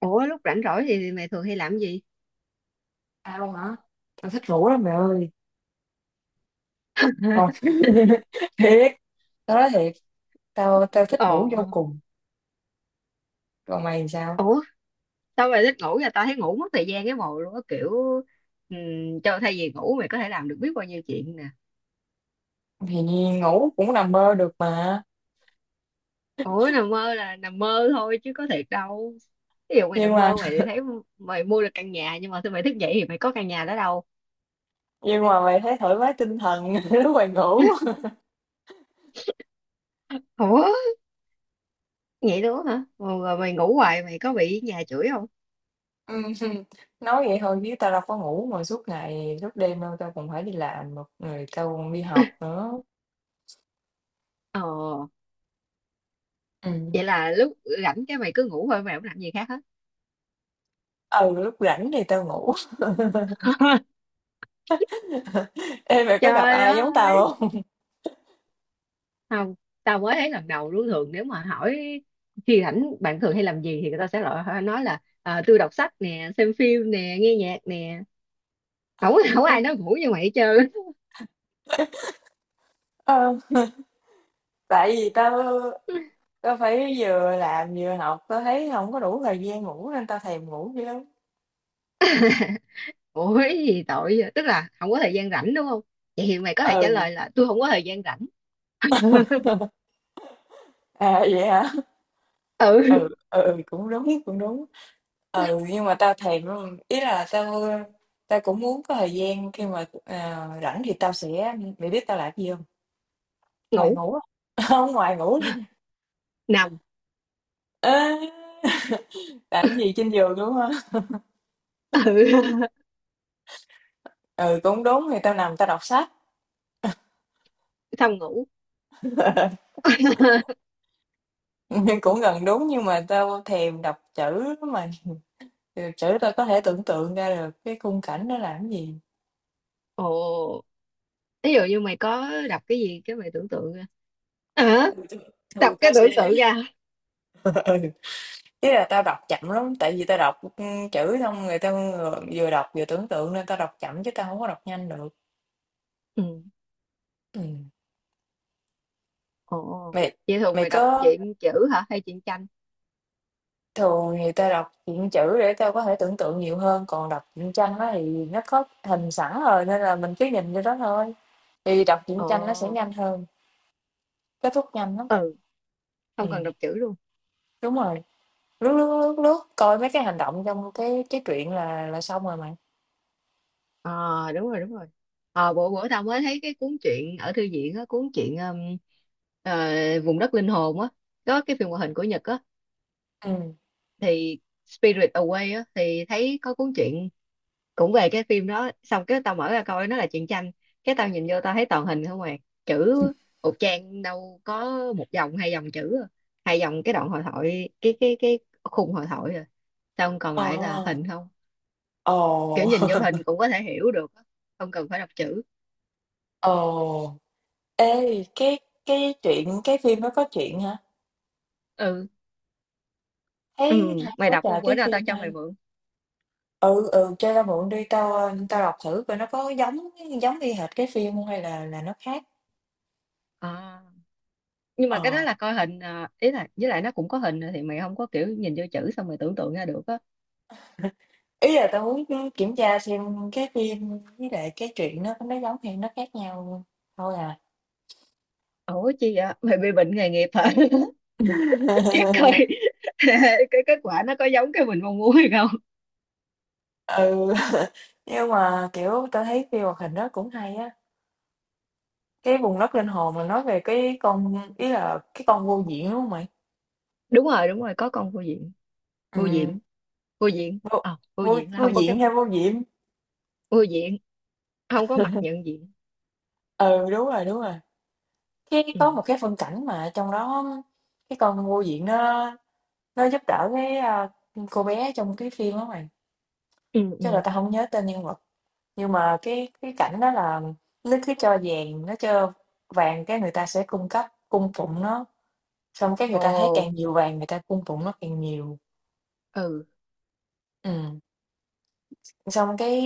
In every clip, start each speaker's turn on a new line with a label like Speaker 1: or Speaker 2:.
Speaker 1: Ủa lúc rảnh rỗi thì mày thường hay làm gì?
Speaker 2: Tao hả? Tao thích ngủ lắm mẹ ơi. Còn thiệt, tao nói thiệt, tao tao thích ngủ
Speaker 1: Ồ,
Speaker 2: vô cùng. Còn mày thì sao?
Speaker 1: ủa sao mày thích ngủ vậy? Tao thấy ngủ mất thời gian cái mồ luôn á kiểu cho thay vì ngủ mày có thể làm được biết bao nhiêu chuyện nè.
Speaker 2: Thì ngủ cũng nằm mơ được mà.
Speaker 1: Ủa nằm mơ là nằm mơ thôi chứ có thiệt đâu. Ví dụ mày
Speaker 2: Nhưng
Speaker 1: nằm
Speaker 2: mà
Speaker 1: mơ mày thấy mày mua được căn nhà, nhưng mà khi mày thức dậy thì mày có căn nhà đó đâu.
Speaker 2: nhưng mà mày thấy thoải mái tinh thần lúc mày ngủ.
Speaker 1: Ủa vậy luôn hả? Ồ, rồi mày ngủ hoài mày có bị nhà chửi không?
Speaker 2: Ừ, nói vậy thôi chứ tao đâu có ngủ mà suốt ngày suốt đêm đâu tao còn phải đi làm một người tao còn đi học nữa.
Speaker 1: Ồ,
Speaker 2: Ừ.
Speaker 1: vậy là lúc rảnh cái mày cứ ngủ thôi, mày không làm gì khác hết.
Speaker 2: Ừ, lúc rảnh thì tao ngủ. Ê, mày có gặp
Speaker 1: Trời
Speaker 2: ai giống tao
Speaker 1: ơi,
Speaker 2: không?
Speaker 1: không, tao mới thấy lần đầu luôn. Thường nếu mà hỏi khi rảnh bạn thường hay làm gì thì người ta sẽ loại nói là à, tôi đọc sách nè, xem phim nè, nghe nhạc nè, không có không có ai nói ngủ như mày hết trơn.
Speaker 2: Ờ, tại vì tao Tao phải vừa làm vừa học, tao thấy không có đủ thời gian ngủ nên tao thèm ngủ dữ lắm.
Speaker 1: Ủa cái gì tội vậy? Tức là không có thời gian rảnh đúng không, vậy thì mày có thể trả
Speaker 2: Ừ,
Speaker 1: lời là tôi không có thời gian rảnh.
Speaker 2: à, vậy hả?
Speaker 1: Ừ.
Speaker 2: Ừ, ừ, ừ, cũng đúng, cũng đúng. Ừ, nhưng mà tao thèm lắm. Ý là tao tao cũng muốn có thời gian khi mà rảnh thì tao sẽ mày biết tao làm gì không? Ngoài
Speaker 1: Ngủ.
Speaker 2: ngủ á. Không, ngoài ngủ.
Speaker 1: Nằm.
Speaker 2: À, làm gì trên giường đúng không?
Speaker 1: Ừ.
Speaker 2: Ừ, cũng đúng thì tao nằm tao đọc sách.
Speaker 1: Xong ngủ.
Speaker 2: Nhưng cũng gần đúng nhưng mà tao thèm đọc chữ lắm mày. Ừ, chữ tao có thể tưởng tượng ra được cái khung cảnh nó làm cái gì.
Speaker 1: Ồ, ví dụ như mày có đọc cái gì cái mày tưởng tượng ra hả?
Speaker 2: Ừ, thường
Speaker 1: Đọc
Speaker 2: thường
Speaker 1: cái
Speaker 2: tao
Speaker 1: tưởng
Speaker 2: sẽ
Speaker 1: tượng ra.
Speaker 2: ừ. Chứ là tao đọc chậm lắm tại vì tao đọc chữ xong người ta vừa vừa đọc vừa tưởng tượng nên tao đọc chậm chứ tao không có đọc nhanh được
Speaker 1: Ừ.
Speaker 2: ừ.
Speaker 1: Ồ,
Speaker 2: mày
Speaker 1: vậy thường
Speaker 2: mày
Speaker 1: mày đọc
Speaker 2: có
Speaker 1: truyện chữ hả hay truyện tranh?
Speaker 2: thường thì tao đọc truyện chữ để tao có thể tưởng tượng nhiều hơn còn đọc truyện tranh đó thì nó có hình sẵn rồi nên là mình cứ nhìn vô đó thôi thì đọc truyện tranh nó sẽ
Speaker 1: Ồ,
Speaker 2: nhanh hơn kết thúc nhanh lắm
Speaker 1: ừ,
Speaker 2: ừ.
Speaker 1: không cần đọc chữ luôn.
Speaker 2: Đúng rồi lướt lướt lướt lướt coi mấy cái hành động trong cái truyện là xong rồi mày
Speaker 1: Ờ, đúng rồi, đúng rồi. Ờ, bữa bữa tao mới thấy cái cuốn truyện ở thư viện á, cuốn truyện ờ, Vùng đất linh hồn á, có cái phim hoạt hình của Nhật á,
Speaker 2: ừ.
Speaker 1: thì Spirit Away á, thì thấy có cuốn truyện cũng về cái phim đó. Xong cái tao mở ra coi, nó là truyện tranh. Cái tao nhìn vô tao thấy toàn hình không à, chữ một trang đâu có một dòng hai dòng chữ, à. Hai dòng cái đoạn hội thoại, cái khung hội thoại à, xong còn
Speaker 2: Ờ.
Speaker 1: lại là hình không. Kiểu
Speaker 2: Ồ.
Speaker 1: nhìn vô hình cũng có thể hiểu được á, không cần phải đọc chữ.
Speaker 2: Ồ, ê, cái chuyện cái phim nó có chuyện hả?
Speaker 1: Ừ ừ,
Speaker 2: Thấy hay
Speaker 1: mày
Speaker 2: quá
Speaker 1: đọc
Speaker 2: trời
Speaker 1: không, bữa
Speaker 2: cái
Speaker 1: nào tao
Speaker 2: phim
Speaker 1: cho mày
Speaker 2: hay.
Speaker 1: mượn.
Speaker 2: Ừ ừ, cho tao mượn đi tao tao đọc thử coi nó có giống giống y hệt cái phim không hay là nó khác.
Speaker 1: À, nhưng mà cái đó
Speaker 2: Ờ,
Speaker 1: là coi hình à, ý là với lại nó cũng có hình rồi thì mày không có kiểu nhìn vô chữ xong mày tưởng tượng ra được á.
Speaker 2: ý là tao muốn kiểm tra xem cái phim với lại cái chuyện nó giống hay nó khác nhau thôi à.
Speaker 1: Ủa chi vậy, mày bị bệnh nghề nghiệp hả? Chắc coi cái kết quả nó có giống cái mình mong muốn hay không.
Speaker 2: ừ nhưng mà kiểu tao thấy phim hoạt hình đó cũng hay á cái vùng đất linh hồn mà nói về cái con ý là cái con vô diện đúng không mày
Speaker 1: Đúng rồi, đúng rồi, có con vô diện.
Speaker 2: ừ
Speaker 1: Vô diện. Vô diện,
Speaker 2: vô
Speaker 1: ờ, vô
Speaker 2: vô
Speaker 1: diện là
Speaker 2: vô
Speaker 1: không có cái
Speaker 2: diện
Speaker 1: mặt.
Speaker 2: hay vô diệm
Speaker 1: Vô diện, không có mặt nhận diện.
Speaker 2: ừ đúng rồi cái
Speaker 1: Ừ
Speaker 2: có một cái phân cảnh mà trong đó cái con vô diện nó giúp đỡ cái cô bé trong cái phim đó mày
Speaker 1: ừ
Speaker 2: chắc là
Speaker 1: ừ.
Speaker 2: tao không nhớ tên nhân vật nhưng mà cái cảnh đó là nó cứ cho vàng nó cho vàng cái người ta sẽ cung cấp cung phụng nó xong cái người ta thấy
Speaker 1: Ồ.
Speaker 2: càng nhiều vàng người ta cung phụng nó càng nhiều
Speaker 1: Ừ.
Speaker 2: ừ. Xong cái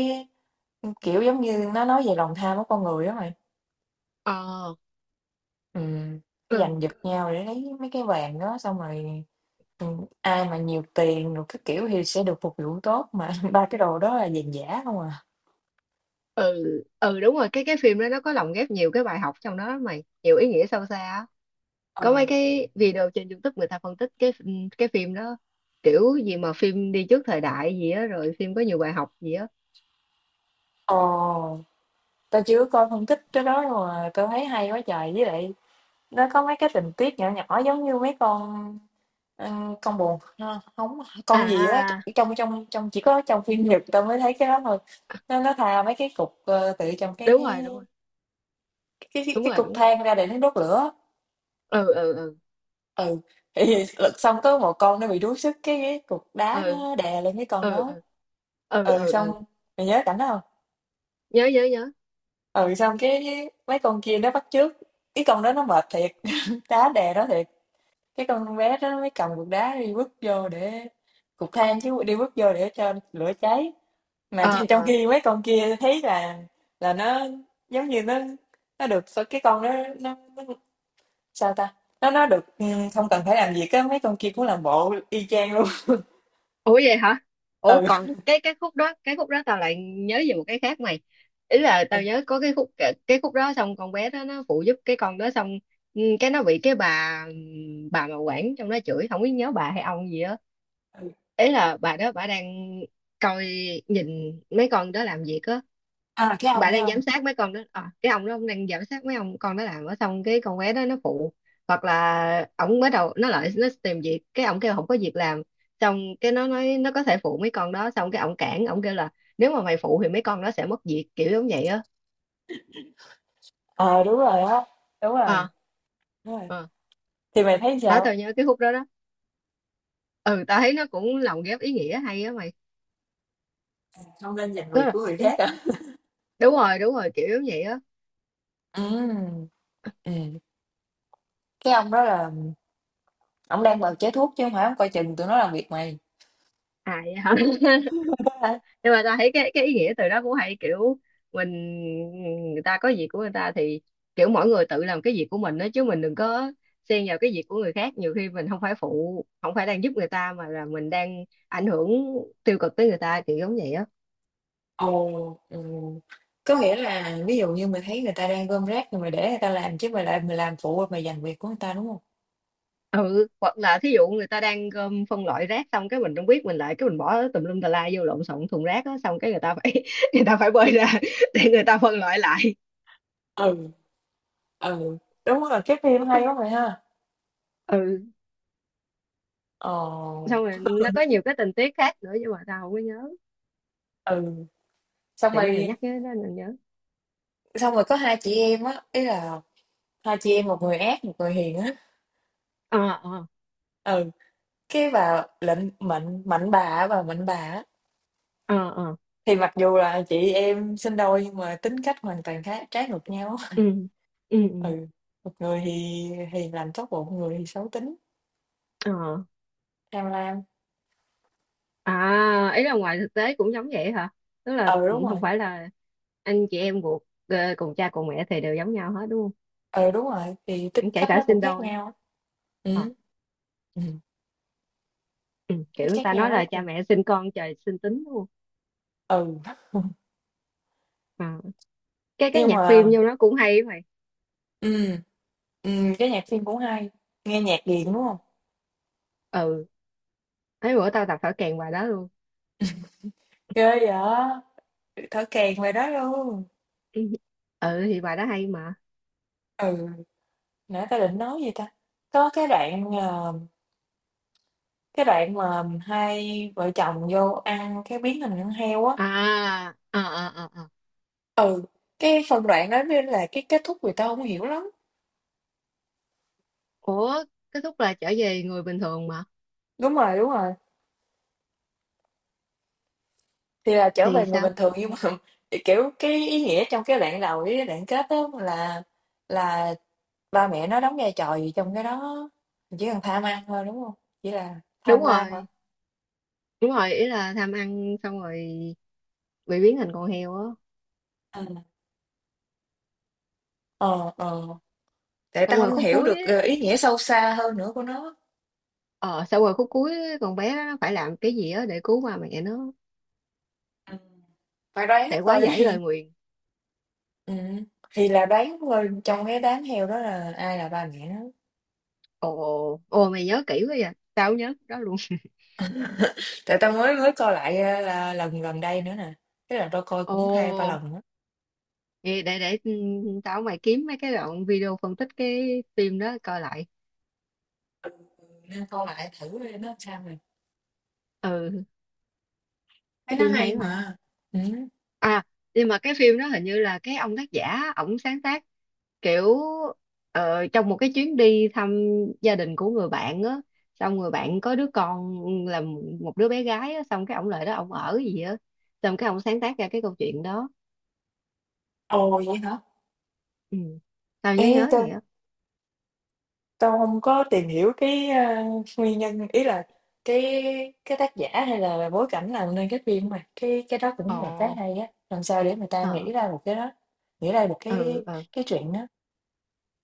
Speaker 2: kiểu giống như nó nói về lòng tham của con người đó mày.
Speaker 1: Ờ.
Speaker 2: Ừm,
Speaker 1: Ừ
Speaker 2: cái giành giật nhau để lấy mấy cái vàng đó xong rồi, ai mà nhiều tiền rồi cái kiểu thì sẽ được phục vụ tốt, mà ba cái đồ đó là vàng giả không à.
Speaker 1: ừ ừ. Đúng rồi, cái phim đó nó có lồng ghép nhiều cái bài học trong đó lắm mày, nhiều ý nghĩa sâu xa á. Có mấy
Speaker 2: Ừ.
Speaker 1: cái video trên YouTube người ta phân tích cái cái phim đó, kiểu gì mà phim đi trước thời đại gì á, rồi phim có nhiều bài học gì á.
Speaker 2: Ồ, tao chưa coi phân tích cái đó mà tao thấy hay quá trời, với lại nó có mấy cái tình tiết nhỏ nhỏ giống như mấy con, ờ, con bồ ha, không con gì á,
Speaker 1: À,
Speaker 2: trong trong trong chỉ có trong phim Nhật tao mới thấy cái đó thôi. Nó thà mấy cái cục, tự trong cái
Speaker 1: đúng
Speaker 2: cái
Speaker 1: rồi, đúng rồi,
Speaker 2: cái cái
Speaker 1: đúng
Speaker 2: cái
Speaker 1: rồi,
Speaker 2: cục
Speaker 1: đúng rồi.
Speaker 2: than ra để nó đốt lửa
Speaker 1: Ừ ừ ừ.
Speaker 2: ừ thì lật xong có một con nó bị đuối sức cái cục đá
Speaker 1: Ừ
Speaker 2: nó đè lên cái con
Speaker 1: ừ
Speaker 2: nó
Speaker 1: ừ ừ
Speaker 2: ừ
Speaker 1: ừ
Speaker 2: xong
Speaker 1: ừ.
Speaker 2: mày nhớ cảnh đó không
Speaker 1: Nhớ, nhớ, nhớ.
Speaker 2: ừ xong cái mấy con kia nó bắt chước cái con đó nó mệt thiệt đá đè đó thiệt cái con bé đó nó mới cầm cục đá đi bước vô để cục than chứ đi bước vô để cho lửa cháy mà
Speaker 1: Ờ
Speaker 2: trong trong
Speaker 1: ờ.
Speaker 2: khi mấy con kia thấy là nó giống như nó được sao cái con đó nó sao ta nó được không cần phải làm gì cái mấy con kia cũng làm bộ y chang luôn.
Speaker 1: Ủa vậy hả? Ủa
Speaker 2: Ừ.
Speaker 1: còn cái khúc đó tao lại nhớ về một cái khác mày. Ý là tao nhớ có cái khúc đó xong con bé đó nó phụ giúp cái con đó, xong ừ, cái nó bị cái bà mà quản trong đó chửi, không biết nhớ bà hay ông gì á.
Speaker 2: Ừ.
Speaker 1: Ý là bà đó bà đang coi, nhìn mấy con đó làm việc á,
Speaker 2: À,
Speaker 1: bà
Speaker 2: cái
Speaker 1: đang
Speaker 2: ông.
Speaker 1: giám sát mấy con đó à, cái ông đó ông đang giám sát mấy ông con đó làm ở, xong cái con bé đó nó phụ, hoặc là ổng bắt đầu nó lại nó tìm việc cái ổng kêu không có việc làm. Xong cái nó nói nó có thể phụ mấy con đó, xong cái ổng cản ổng kêu là nếu mà mày phụ thì mấy con đó sẽ mất việc, kiểu giống vậy á.
Speaker 2: Ờ, đúng rồi á. Đúng rồi,
Speaker 1: Ờ,
Speaker 2: đúng rồi.
Speaker 1: à.
Speaker 2: Thì mày thấy
Speaker 1: Đó
Speaker 2: sao?
Speaker 1: tao nhớ cái khúc đó đó. Ừ, tao thấy nó cũng lồng ghép ý nghĩa hay á mày.
Speaker 2: Không nên giành
Speaker 1: Tức
Speaker 2: việc
Speaker 1: là-
Speaker 2: của người khác à?
Speaker 1: đúng rồi, đúng rồi, kiểu giống vậy á.
Speaker 2: Ừm, ừm. Cái ông đó là ông đang bào chế thuốc chứ không phải ông coi chừng tụi nó làm việc mày.
Speaker 1: À, vậy hả?
Speaker 2: Đúng.
Speaker 1: Nhưng mà ta thấy cái ý nghĩa từ đó cũng hay, kiểu mình, người ta có việc của người ta thì kiểu mỗi người tự làm cái việc của mình đó, chứ mình đừng có xen vào cái việc của người khác. Nhiều khi mình không phải phụ, không phải đang giúp người ta, mà là mình đang ảnh hưởng tiêu cực tới người ta, kiểu giống vậy á.
Speaker 2: Ồ, ừ. Có nghĩa là ví dụ như mày thấy người ta đang gom rác thì mày để người ta làm chứ mày lại mày làm phụ rồi mày giành việc của người ta đúng không?
Speaker 1: Ừ, hoặc là thí dụ người ta đang gom phân loại rác, xong cái mình không biết mình lại cái mình bỏ tùm lum tà la vô lộn xộn thùng rác á, xong cái người ta phải người ta phải bơi ra để người ta phân loại lại.
Speaker 2: Ừ, ừ. Đúng rồi, cái phim hay quá mày ha.
Speaker 1: Ừ,
Speaker 2: Ồ,
Speaker 1: xong rồi nó có nhiều cái tình tiết khác nữa nhưng mà tao không có nhớ,
Speaker 2: ừ. xong
Speaker 1: tự nhiên mà
Speaker 2: rồi
Speaker 1: nhắc cái đó mình nhớ.
Speaker 2: xong rồi có hai chị em á, ý là hai chị em một người ác một người hiền á.
Speaker 1: Ờ ờ
Speaker 2: Ừ cái bà lệnh mạnh mạnh bà á, bà mạnh bà á,
Speaker 1: ờ ờ.
Speaker 2: thì mặc dù là chị em sinh đôi nhưng mà tính cách hoàn toàn khác trái ngược nhau.
Speaker 1: Ừ ừ ừ.
Speaker 2: Ừ một người thì làm tốt bụng một người thì xấu tính
Speaker 1: Ờ.
Speaker 2: tham lam
Speaker 1: À, ý là ngoài thực tế cũng giống vậy hả, tức là
Speaker 2: ừ
Speaker 1: ừ,
Speaker 2: đúng rồi
Speaker 1: không phải là anh chị em ruột, ờ, cùng cha cùng mẹ thì đều giống nhau hết đúng
Speaker 2: ừ đúng rồi thì tính
Speaker 1: không, kể
Speaker 2: cách
Speaker 1: cả
Speaker 2: nó
Speaker 1: sinh
Speaker 2: cũng khác
Speaker 1: đôi.
Speaker 2: nhau
Speaker 1: Ờ.
Speaker 2: ừ ừ
Speaker 1: Ừ.
Speaker 2: thấy
Speaker 1: Kiểu người
Speaker 2: khác
Speaker 1: ta
Speaker 2: nhau
Speaker 1: nói
Speaker 2: quá
Speaker 1: là
Speaker 2: kìa
Speaker 1: cha mẹ sinh con trời sinh tính đúng không.
Speaker 2: ừ
Speaker 1: Ờ. Cái
Speaker 2: nhưng
Speaker 1: nhạc phim
Speaker 2: mà
Speaker 1: vô nó cũng hay á mày.
Speaker 2: ừ ừ cái nhạc phim cũng hay nghe nhạc gì đúng
Speaker 1: Ừ.
Speaker 2: không
Speaker 1: Ừ. Mấy bữa tao tập thở kèn bài đó luôn.
Speaker 2: ghê vậy thở kèn về đó luôn
Speaker 1: Ừ. Ừ, thì bài đó hay mà.
Speaker 2: ừ nãy ta định nói gì ta có cái đoạn cái đoạn mà hai vợ chồng vô ăn cái biến hình con heo á.
Speaker 1: À à à à à.
Speaker 2: Ừ, cái phần đoạn đó mới là cái kết thúc người ta không hiểu lắm.
Speaker 1: Ủa kết thúc là trở về người bình thường mà.
Speaker 2: Đúng rồi, đúng rồi. Thì là trở
Speaker 1: Thì
Speaker 2: về người
Speaker 1: sao?
Speaker 2: bình thường nhưng mà kiểu cái ý nghĩa trong cái đoạn đầu với cái đoạn kết đó là ba mẹ nó đóng vai trò gì trong cái đó. Chỉ cần tham ăn thôi đúng không? Chỉ là
Speaker 1: Đúng
Speaker 2: tham lam hả?
Speaker 1: rồi, đúng rồi, ý là tham ăn xong rồi bị biến thành con heo á.
Speaker 2: Ừ. Ờ, ờ. Tại
Speaker 1: Xong
Speaker 2: ta
Speaker 1: rồi
Speaker 2: không
Speaker 1: khúc
Speaker 2: hiểu
Speaker 1: cuối
Speaker 2: được
Speaker 1: ấy,
Speaker 2: ý nghĩa sâu xa hơn nữa của nó.
Speaker 1: ờ, xong rồi khúc cuối ấy, con bé đó nó phải làm cái gì á để cứu ba mẹ nó,
Speaker 2: Ừ. Phải đoán
Speaker 1: để quá
Speaker 2: thôi.
Speaker 1: giải lời nguyền.
Speaker 2: Ừm, thì là đoán thôi, trong cái đám heo đó là ai là ba mẹ nó.
Speaker 1: Ồ ồ, mày nhớ kỹ quá vậy, tao không nhớ cái đó luôn.
Speaker 2: Tại tao mới mới coi lại, là lần gần đây nữa nè, tức là tao coi cũng hai ba
Speaker 1: Ồ,
Speaker 2: lần á,
Speaker 1: vậy để ừ, tao mày kiếm mấy cái đoạn video phân tích cái phim đó coi lại.
Speaker 2: nên coi lại thử coi nó sao rồi.
Speaker 1: Ừ.
Speaker 2: Thấy nó
Speaker 1: Phim
Speaker 2: hay
Speaker 1: hay mà.
Speaker 2: mà. Ừ.
Speaker 1: À, nhưng mà cái phim đó hình như là cái ông tác giả ổng sáng tác, kiểu ờ, trong một cái chuyến đi thăm gia đình của người bạn á, xong người bạn có đứa con là một đứa bé gái á, xong cái ổng lại đó ổng ở gì á, xong cái ổng sáng tác ra cái câu chuyện đó.
Speaker 2: Ồ, vậy hả?
Speaker 1: Ừ. Tao nhớ
Speaker 2: Ê,
Speaker 1: nhớ
Speaker 2: tao
Speaker 1: vậy á.
Speaker 2: tao không có tìm hiểu cái, nguyên nhân, ý là cái cái tác giả hay là bối cảnh làm nên cái phim mà, cái đó cũng một cái
Speaker 1: Ồ.
Speaker 2: hay á, làm sao để người ta
Speaker 1: Ờ.
Speaker 2: nghĩ ra một cái đó, nghĩ ra được
Speaker 1: Ừ
Speaker 2: cái
Speaker 1: ừ
Speaker 2: cái chuyện đó.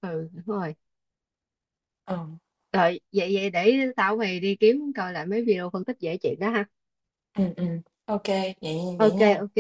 Speaker 1: ừ. Đúng rồi.
Speaker 2: Ờ,
Speaker 1: Rồi vậy vậy để tao mày đi kiếm coi lại mấy video phân tích về chuyện đó ha.
Speaker 2: ừ ô vậy vậy
Speaker 1: OK,
Speaker 2: nha.
Speaker 1: OK.